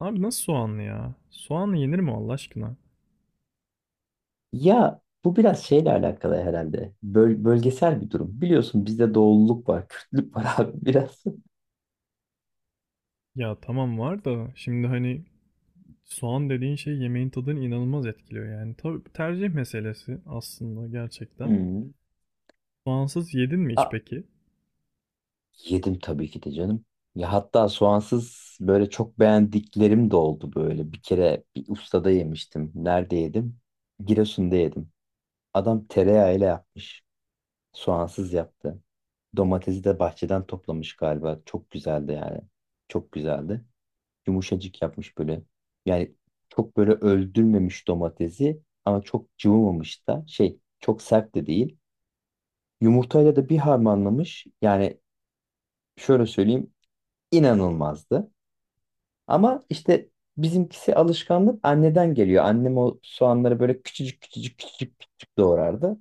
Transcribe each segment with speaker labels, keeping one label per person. Speaker 1: Abi nasıl soğanlı ya? Soğanlı yenir mi Allah aşkına?
Speaker 2: Ya bu biraz şeyle alakalı herhalde. Bölgesel bir durum. Biliyorsun bizde doğulluk var, Kürtlük var abi biraz.
Speaker 1: Ya tamam var da şimdi soğan dediğin şey yemeğin tadını inanılmaz etkiliyor yani. Tabii tercih meselesi aslında gerçekten.
Speaker 2: Hmm.
Speaker 1: Soğansız yedin mi hiç
Speaker 2: A,
Speaker 1: peki?
Speaker 2: yedim tabii ki de canım. Ya hatta soğansız böyle çok beğendiklerim de oldu böyle. Bir kere bir ustada yemiştim. Nerede yedim? Giresun'da yedim. Adam tereyağıyla yapmış. Soğansız yaptı. Domatesi de bahçeden toplamış galiba. Çok güzeldi yani. Çok güzeldi. Yumuşacık yapmış böyle. Yani çok böyle öldürmemiş domatesi ama çok cıvımamış da şey çok sert de değil. Yumurtayla da bir harmanlamış. Yani şöyle söyleyeyim, inanılmazdı. Ama işte bizimkisi alışkanlık anneden geliyor. Annem o soğanları böyle küçücük küçücük küçücük küçücük doğrardı.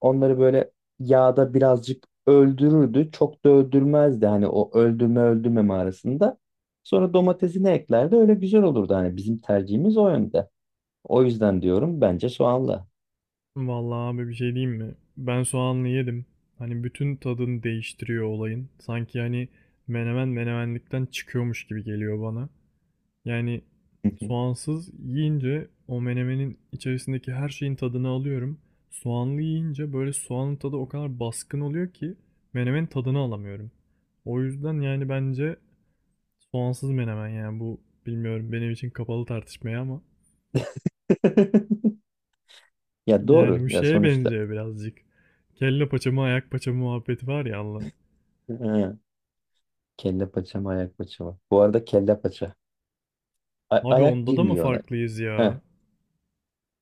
Speaker 2: Onları böyle yağda birazcık öldürürdü. Çok da öldürmezdi hani o öldürme öldürmeme arasında. Sonra domatesini eklerdi. Öyle güzel olurdu hani bizim tercihimiz o yönde. O yüzden diyorum bence soğanla.
Speaker 1: Vallahi abi bir şey diyeyim mi? Ben soğanlı yedim. Bütün tadını değiştiriyor olayın. Sanki menemen menemenlikten çıkıyormuş gibi geliyor bana. Yani soğansız yiyince o menemenin içerisindeki her şeyin tadını alıyorum. Soğanlı yiyince böyle soğanın tadı o kadar baskın oluyor ki menemenin tadını alamıyorum. O yüzden yani bence soğansız menemen yani bu bilmiyorum benim için kapalı tartışmaya ama
Speaker 2: Ya
Speaker 1: yani
Speaker 2: doğru
Speaker 1: bu
Speaker 2: ya
Speaker 1: şeye
Speaker 2: sonuçta.
Speaker 1: benziyor birazcık. Kelle paça mı ayak paça mı muhabbeti var ya Allah.
Speaker 2: He. Kelle paça mı ayak paça mı? Bu arada kelle paça. A-
Speaker 1: Abi
Speaker 2: ayak
Speaker 1: onda da mı
Speaker 2: girmiyor ona.
Speaker 1: farklıyız
Speaker 2: Heh,
Speaker 1: ya?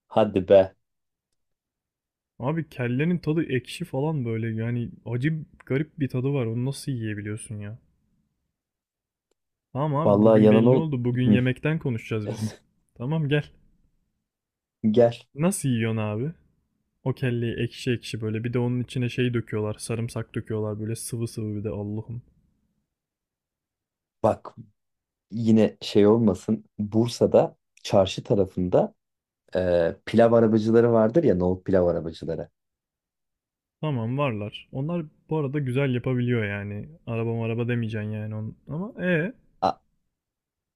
Speaker 2: hadi be.
Speaker 1: Abi kellenin tadı ekşi falan böyle yani acı garip bir tadı var. Onu nasıl yiyebiliyorsun ya? Tamam abi
Speaker 2: Vallahi
Speaker 1: bugün
Speaker 2: yalan
Speaker 1: belli
Speaker 2: ol.
Speaker 1: oldu. Bugün
Speaker 2: Hı.
Speaker 1: yemekten konuşacağız biz. Tamam gel.
Speaker 2: Gel.
Speaker 1: Nasıl yiyorsun abi? O kelleyi ekşi ekşi böyle bir de onun içine şey döküyorlar. Sarımsak döküyorlar böyle sıvı sıvı bir de Allah'ım.
Speaker 2: Bak yine şey olmasın. Bursa'da çarşı tarafında pilav arabacıları vardır ya, nohut pilav arabacıları.
Speaker 1: Tamam varlar. Onlar bu arada güzel yapabiliyor yani. Araba araba demeyeceksin yani on. Ama
Speaker 2: A-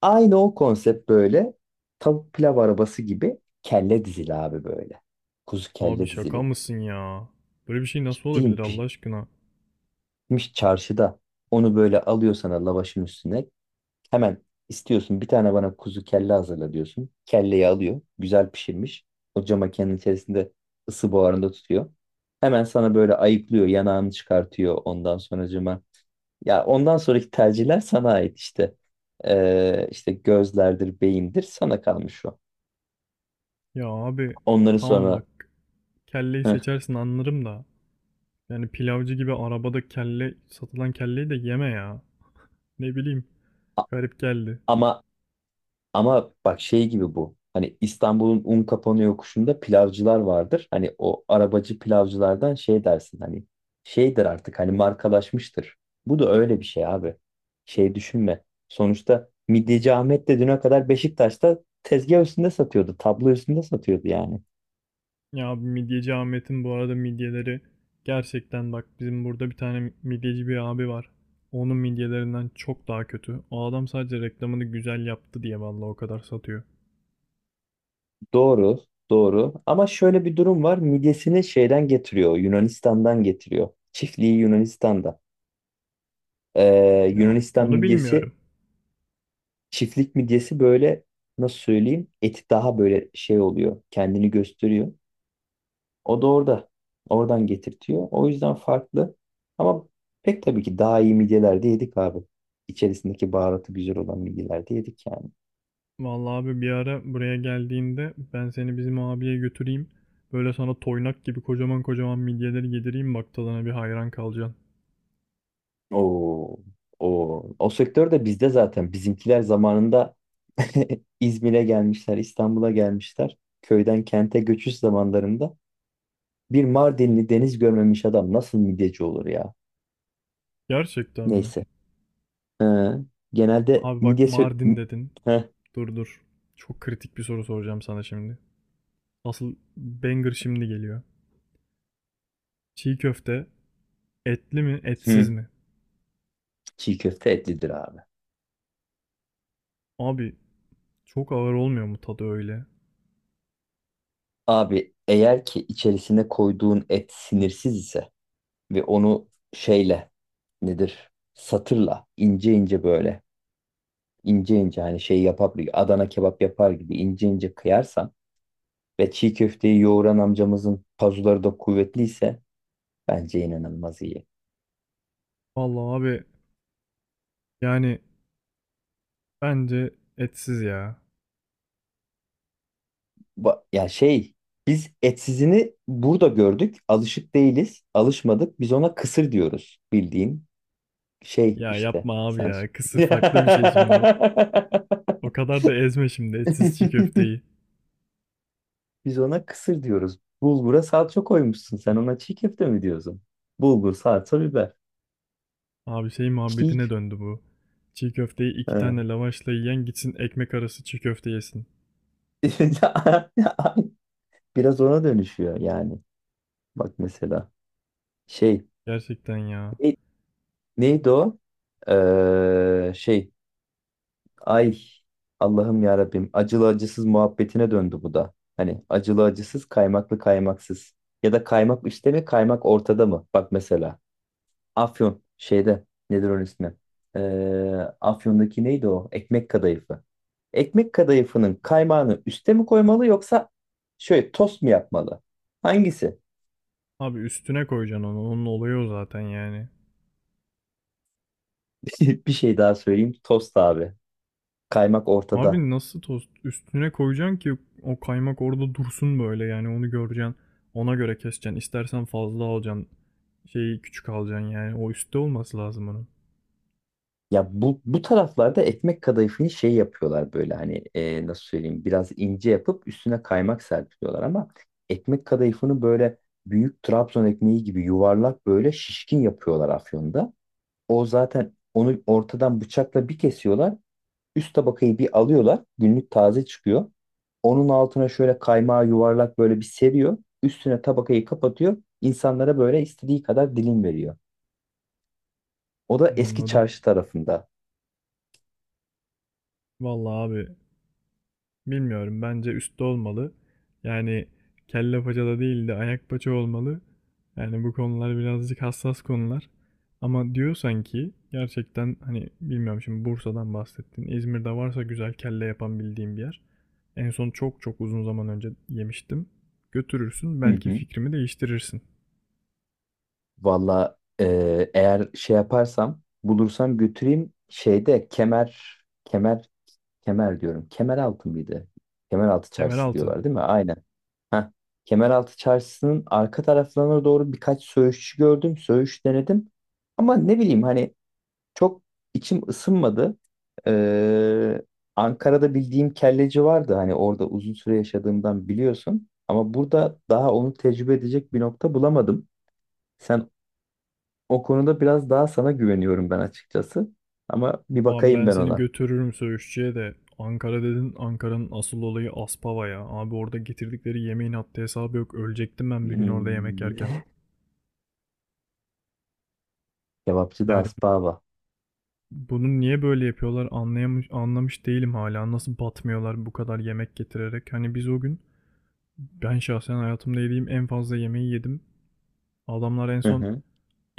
Speaker 2: aynı o konsept, böyle tavuk pilav arabası gibi kelle dizili abi böyle. Kuzu
Speaker 1: abi
Speaker 2: kelle
Speaker 1: şaka
Speaker 2: dizili.
Speaker 1: mısın ya? Böyle bir şey nasıl
Speaker 2: Ciddiyim,
Speaker 1: olabilir Allah
Speaker 2: pişmiş
Speaker 1: aşkına?
Speaker 2: çarşıda. Onu böyle alıyor sana lavaşın üstüne. Hemen istiyorsun, bir tane bana kuzu kelle hazırla diyorsun. Kelleyi alıyor. Güzel pişirmiş. O cam makinenin içerisinde ısı buharında tutuyor. Hemen sana böyle ayıklıyor. Yanağını çıkartıyor. Ondan sonra. Ya ondan sonraki tercihler sana ait işte. İşte gözlerdir, beyindir, sana kalmış o.
Speaker 1: Ya abi
Speaker 2: Onları
Speaker 1: tamam bak
Speaker 2: sonra.
Speaker 1: kelleyi
Speaker 2: Hı.
Speaker 1: seçersin anlarım da. Yani pilavcı gibi arabada kelle satılan kelleyi de yeme ya. Ne bileyim
Speaker 2: A-
Speaker 1: garip geldi.
Speaker 2: ama ama bak, şey gibi bu. Hani İstanbul'un Unkapanı yokuşunda pilavcılar vardır. Hani o arabacı pilavcılardan şey dersin hani, şeydir artık hani, markalaşmıştır. Bu da öyle bir şey abi. Şey düşünme. Sonuçta Midyeci Ahmet de düne kadar Beşiktaş'ta tezgah üstünde satıyordu. Tablo üstünde satıyordu yani.
Speaker 1: Ya abi midyeci Ahmet'in bu arada midyeleri gerçekten bak bizim burada bir tane midyeci bir abi var. Onun midyelerinden çok daha kötü. O adam sadece reklamını güzel yaptı diye vallahi o kadar satıyor.
Speaker 2: Doğru, doğru. Ama şöyle bir durum var. Midyesini şeyden getiriyor, Yunanistan'dan getiriyor. Çiftliği Yunanistan'da.
Speaker 1: Ya
Speaker 2: Yunanistan
Speaker 1: onu
Speaker 2: midyesi,
Speaker 1: bilmiyorum.
Speaker 2: çiftlik midyesi, böyle nasıl söyleyeyim? Eti daha böyle şey oluyor, kendini gösteriyor. O da orada, oradan getirtiyor. O yüzden farklı. Ama pek tabii ki daha iyi midyeler de yedik abi. İçerisindeki baharatı güzel olan midyeler de yedik yani.
Speaker 1: Vallahi abi bir ara buraya geldiğinde ben seni bizim abiye götüreyim. Böyle sana toynak gibi kocaman kocaman midyeleri yedireyim bak tadına bir hayran kalacaksın.
Speaker 2: O, o sektör de bizde zaten. Bizimkiler zamanında İzmir'e gelmişler, İstanbul'a gelmişler. Köyden kente göçüş zamanlarında bir Mardinli deniz görmemiş adam nasıl midyeci olur ya?
Speaker 1: Gerçekten mi?
Speaker 2: Neyse. Ee, Genelde
Speaker 1: Abi bak
Speaker 2: midye
Speaker 1: Mardin dedin.
Speaker 2: Heh,
Speaker 1: Dur dur. Çok kritik bir soru soracağım sana şimdi. Asıl banger şimdi geliyor. Çiğ köfte etli mi etsiz
Speaker 2: hı,
Speaker 1: mi?
Speaker 2: çiğ köfte etlidir abi.
Speaker 1: Abi çok ağır olmuyor mu tadı öyle?
Speaker 2: Abi eğer ki içerisine koyduğun et sinirsiz ise ve onu şeyle, nedir, satırla ince ince böyle, ince ince hani şey yapar, Adana kebap yapar gibi ince ince kıyarsan ve çiğ köfteyi yoğuran amcamızın pazuları da kuvvetliyse bence inanılmaz iyi.
Speaker 1: Vallahi abi yani bence etsiz ya.
Speaker 2: Ya şey, biz etsizini burada gördük. Alışık değiliz. Alışmadık. Biz ona kısır diyoruz. Bildiğin şey
Speaker 1: Ya
Speaker 2: işte.
Speaker 1: yapma abi
Speaker 2: Sen.
Speaker 1: ya. Kısır farklı bir şey şimdi. O kadar da ezme şimdi etsiz çiğ köfteyi.
Speaker 2: Biz ona kısır diyoruz. Bulgura salça koymuşsun. Sen ona çiğ köfte mi diyorsun? Bulgur, salça, biber.
Speaker 1: Abi şey
Speaker 2: Çiğ.
Speaker 1: muhabbetine döndü bu. Çiğ köfteyi iki tane lavaşla yiyen gitsin ekmek arası çiğ köfte yesin.
Speaker 2: Ha. Biraz ona dönüşüyor yani. Bak mesela şey,
Speaker 1: Gerçekten ya.
Speaker 2: ne- neydi o? Şey, ay, Allah'ım ya Rabbim, acılı acısız muhabbetine döndü bu da. Hani acılı acısız, kaymaklı kaymaksız, ya da kaymak üstte mi kaymak ortada mı? Bak mesela Afyon şeyde, nedir onun ismi? Ee, Afyon'daki neydi o? Ekmek kadayıfı. Ekmek kadayıfının kaymağını üste mi koymalı, yoksa şöyle tost mu yapmalı? Hangisi?
Speaker 1: Abi üstüne koyacaksın onu. Onun olayı o zaten yani.
Speaker 2: Bir şey daha söyleyeyim. Tost abi. Kaymak ortada.
Speaker 1: Abi nasıl tost üstüne koyacaksın ki o kaymak orada dursun böyle yani onu göreceksin. Ona göre keseceksin. İstersen fazla alacaksın. Şeyi küçük alacaksın yani. O üstte olması lazım onun.
Speaker 2: Ya bu taraflarda ekmek kadayıfını şey yapıyorlar, böyle hani nasıl söyleyeyim, biraz ince yapıp üstüne kaymak serpiliyorlar ama ekmek kadayıfını böyle büyük Trabzon ekmeği gibi yuvarlak, böyle şişkin yapıyorlar Afyon'da. O zaten onu ortadan bıçakla bir kesiyorlar. Üst tabakayı bir alıyorlar. Günlük taze çıkıyor. Onun altına şöyle kaymağı yuvarlak böyle bir seriyor. Üstüne tabakayı kapatıyor. İnsanlara böyle istediği kadar dilim veriyor. O da eski
Speaker 1: Anladım.
Speaker 2: çarşı tarafında.
Speaker 1: Vallahi abi bilmiyorum. Bence üstte olmalı. Yani kelle paçada değil de ayak paça olmalı. Yani bu konular birazcık hassas konular. Ama diyorsan ki gerçekten hani bilmiyorum şimdi Bursa'dan bahsettin. İzmir'de varsa güzel kelle yapan bildiğim bir yer. En son çok çok uzun zaman önce yemiştim. Götürürsün
Speaker 2: Hı
Speaker 1: belki
Speaker 2: hı.
Speaker 1: fikrimi değiştirirsin.
Speaker 2: Valla eğer şey yaparsam, bulursam götüreyim, şeyde kemer, kemer kemer diyorum. Kemeraltı mıydı? Kemeraltı çarşısı
Speaker 1: Kemeraltı.
Speaker 2: diyorlar değil mi? Aynen. Heh. Kemeraltı çarşısının arka taraflarına doğru birkaç söğüşçü gördüm. Söğüş denedim. Ama ne bileyim hani, çok içim ısınmadı. Ee, Ankara'da bildiğim kelleci vardı. Hani orada uzun süre yaşadığımdan biliyorsun. Ama burada daha onu tecrübe edecek bir nokta bulamadım. Sen, o konuda biraz daha sana güveniyorum ben açıkçası. Ama bir
Speaker 1: Abi
Speaker 2: bakayım
Speaker 1: ben
Speaker 2: ben
Speaker 1: seni
Speaker 2: ona.
Speaker 1: götürürüm söğüşçüye de. Ankara dedin, Ankara'nın asıl olayı Aspava ya. Abi orada getirdikleri yemeğin haddi hesabı yok. Ölecektim ben bir gün orada yemek
Speaker 2: Hmm.
Speaker 1: yerken.
Speaker 2: Kebapçı da
Speaker 1: Yani
Speaker 2: Aspava.
Speaker 1: bunu niye böyle yapıyorlar anlayamış, anlamış değilim hala. Nasıl batmıyorlar bu kadar yemek getirerek. Hani biz o gün ben şahsen hayatımda yediğim en fazla yemeği yedim. Adamlar en
Speaker 2: Hı
Speaker 1: son
Speaker 2: hı.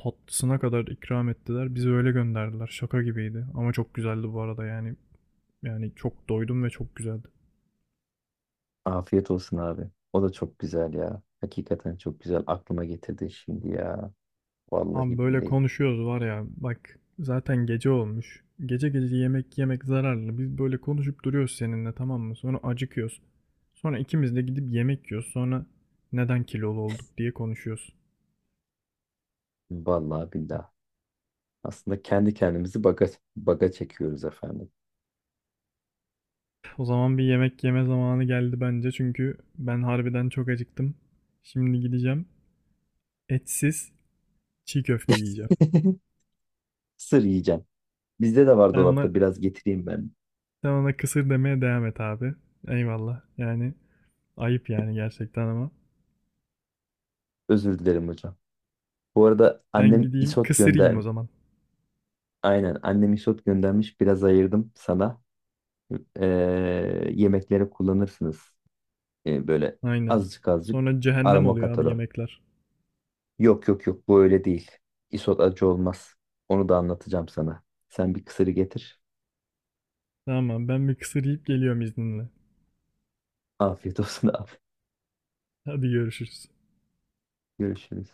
Speaker 1: tatlısına kadar ikram ettiler. Bizi öyle gönderdiler. Şaka gibiydi. Ama çok güzeldi bu arada yani. Yani çok doydum ve çok güzeldi.
Speaker 2: Afiyet olsun abi. O da çok güzel ya. Hakikaten çok güzel. Aklıma getirdin şimdi ya.
Speaker 1: Abi
Speaker 2: Vallahi
Speaker 1: böyle
Speaker 2: billahi.
Speaker 1: konuşuyoruz var ya bak zaten gece olmuş. Gece gece yemek yemek zararlı. Biz böyle konuşup duruyoruz seninle tamam mı? Sonra acıkıyoruz. Sonra ikimiz de gidip yemek yiyoruz. Sonra neden kilolu olduk diye konuşuyoruz.
Speaker 2: Vallahi billahi. Aslında kendi kendimizi baga çekiyoruz efendim.
Speaker 1: O zaman bir yemek yeme zamanı geldi bence çünkü ben harbiden çok acıktım. Şimdi gideceğim etsiz çiğ köfte yiyeceğim.
Speaker 2: Sır yiyeceğim. Bizde de var
Speaker 1: Sen ona
Speaker 2: dolapta, biraz getireyim ben.
Speaker 1: sen ona kısır demeye devam et abi. Eyvallah. Yani ayıp yani gerçekten ama.
Speaker 2: Özür dilerim hocam. Bu arada
Speaker 1: Ben
Speaker 2: annem
Speaker 1: gideyim
Speaker 2: isot
Speaker 1: kısır yiyeyim
Speaker 2: gönder.
Speaker 1: o zaman.
Speaker 2: Aynen, annem isot göndermiş. Biraz ayırdım sana. Ee, yemeklere kullanırsınız. Böyle
Speaker 1: Aynen.
Speaker 2: azıcık azıcık
Speaker 1: Sonra cehennem
Speaker 2: aroma
Speaker 1: oluyor
Speaker 2: katar
Speaker 1: abi
Speaker 2: o.
Speaker 1: yemekler.
Speaker 2: Yok yok yok, bu öyle değil. Isot acı olmaz. Onu da anlatacağım sana. Sen bir kısırı getir.
Speaker 1: Tamam abi, ben bir kısır yiyip geliyorum izninle.
Speaker 2: Afiyet olsun abi.
Speaker 1: Hadi görüşürüz.
Speaker 2: Görüşürüz.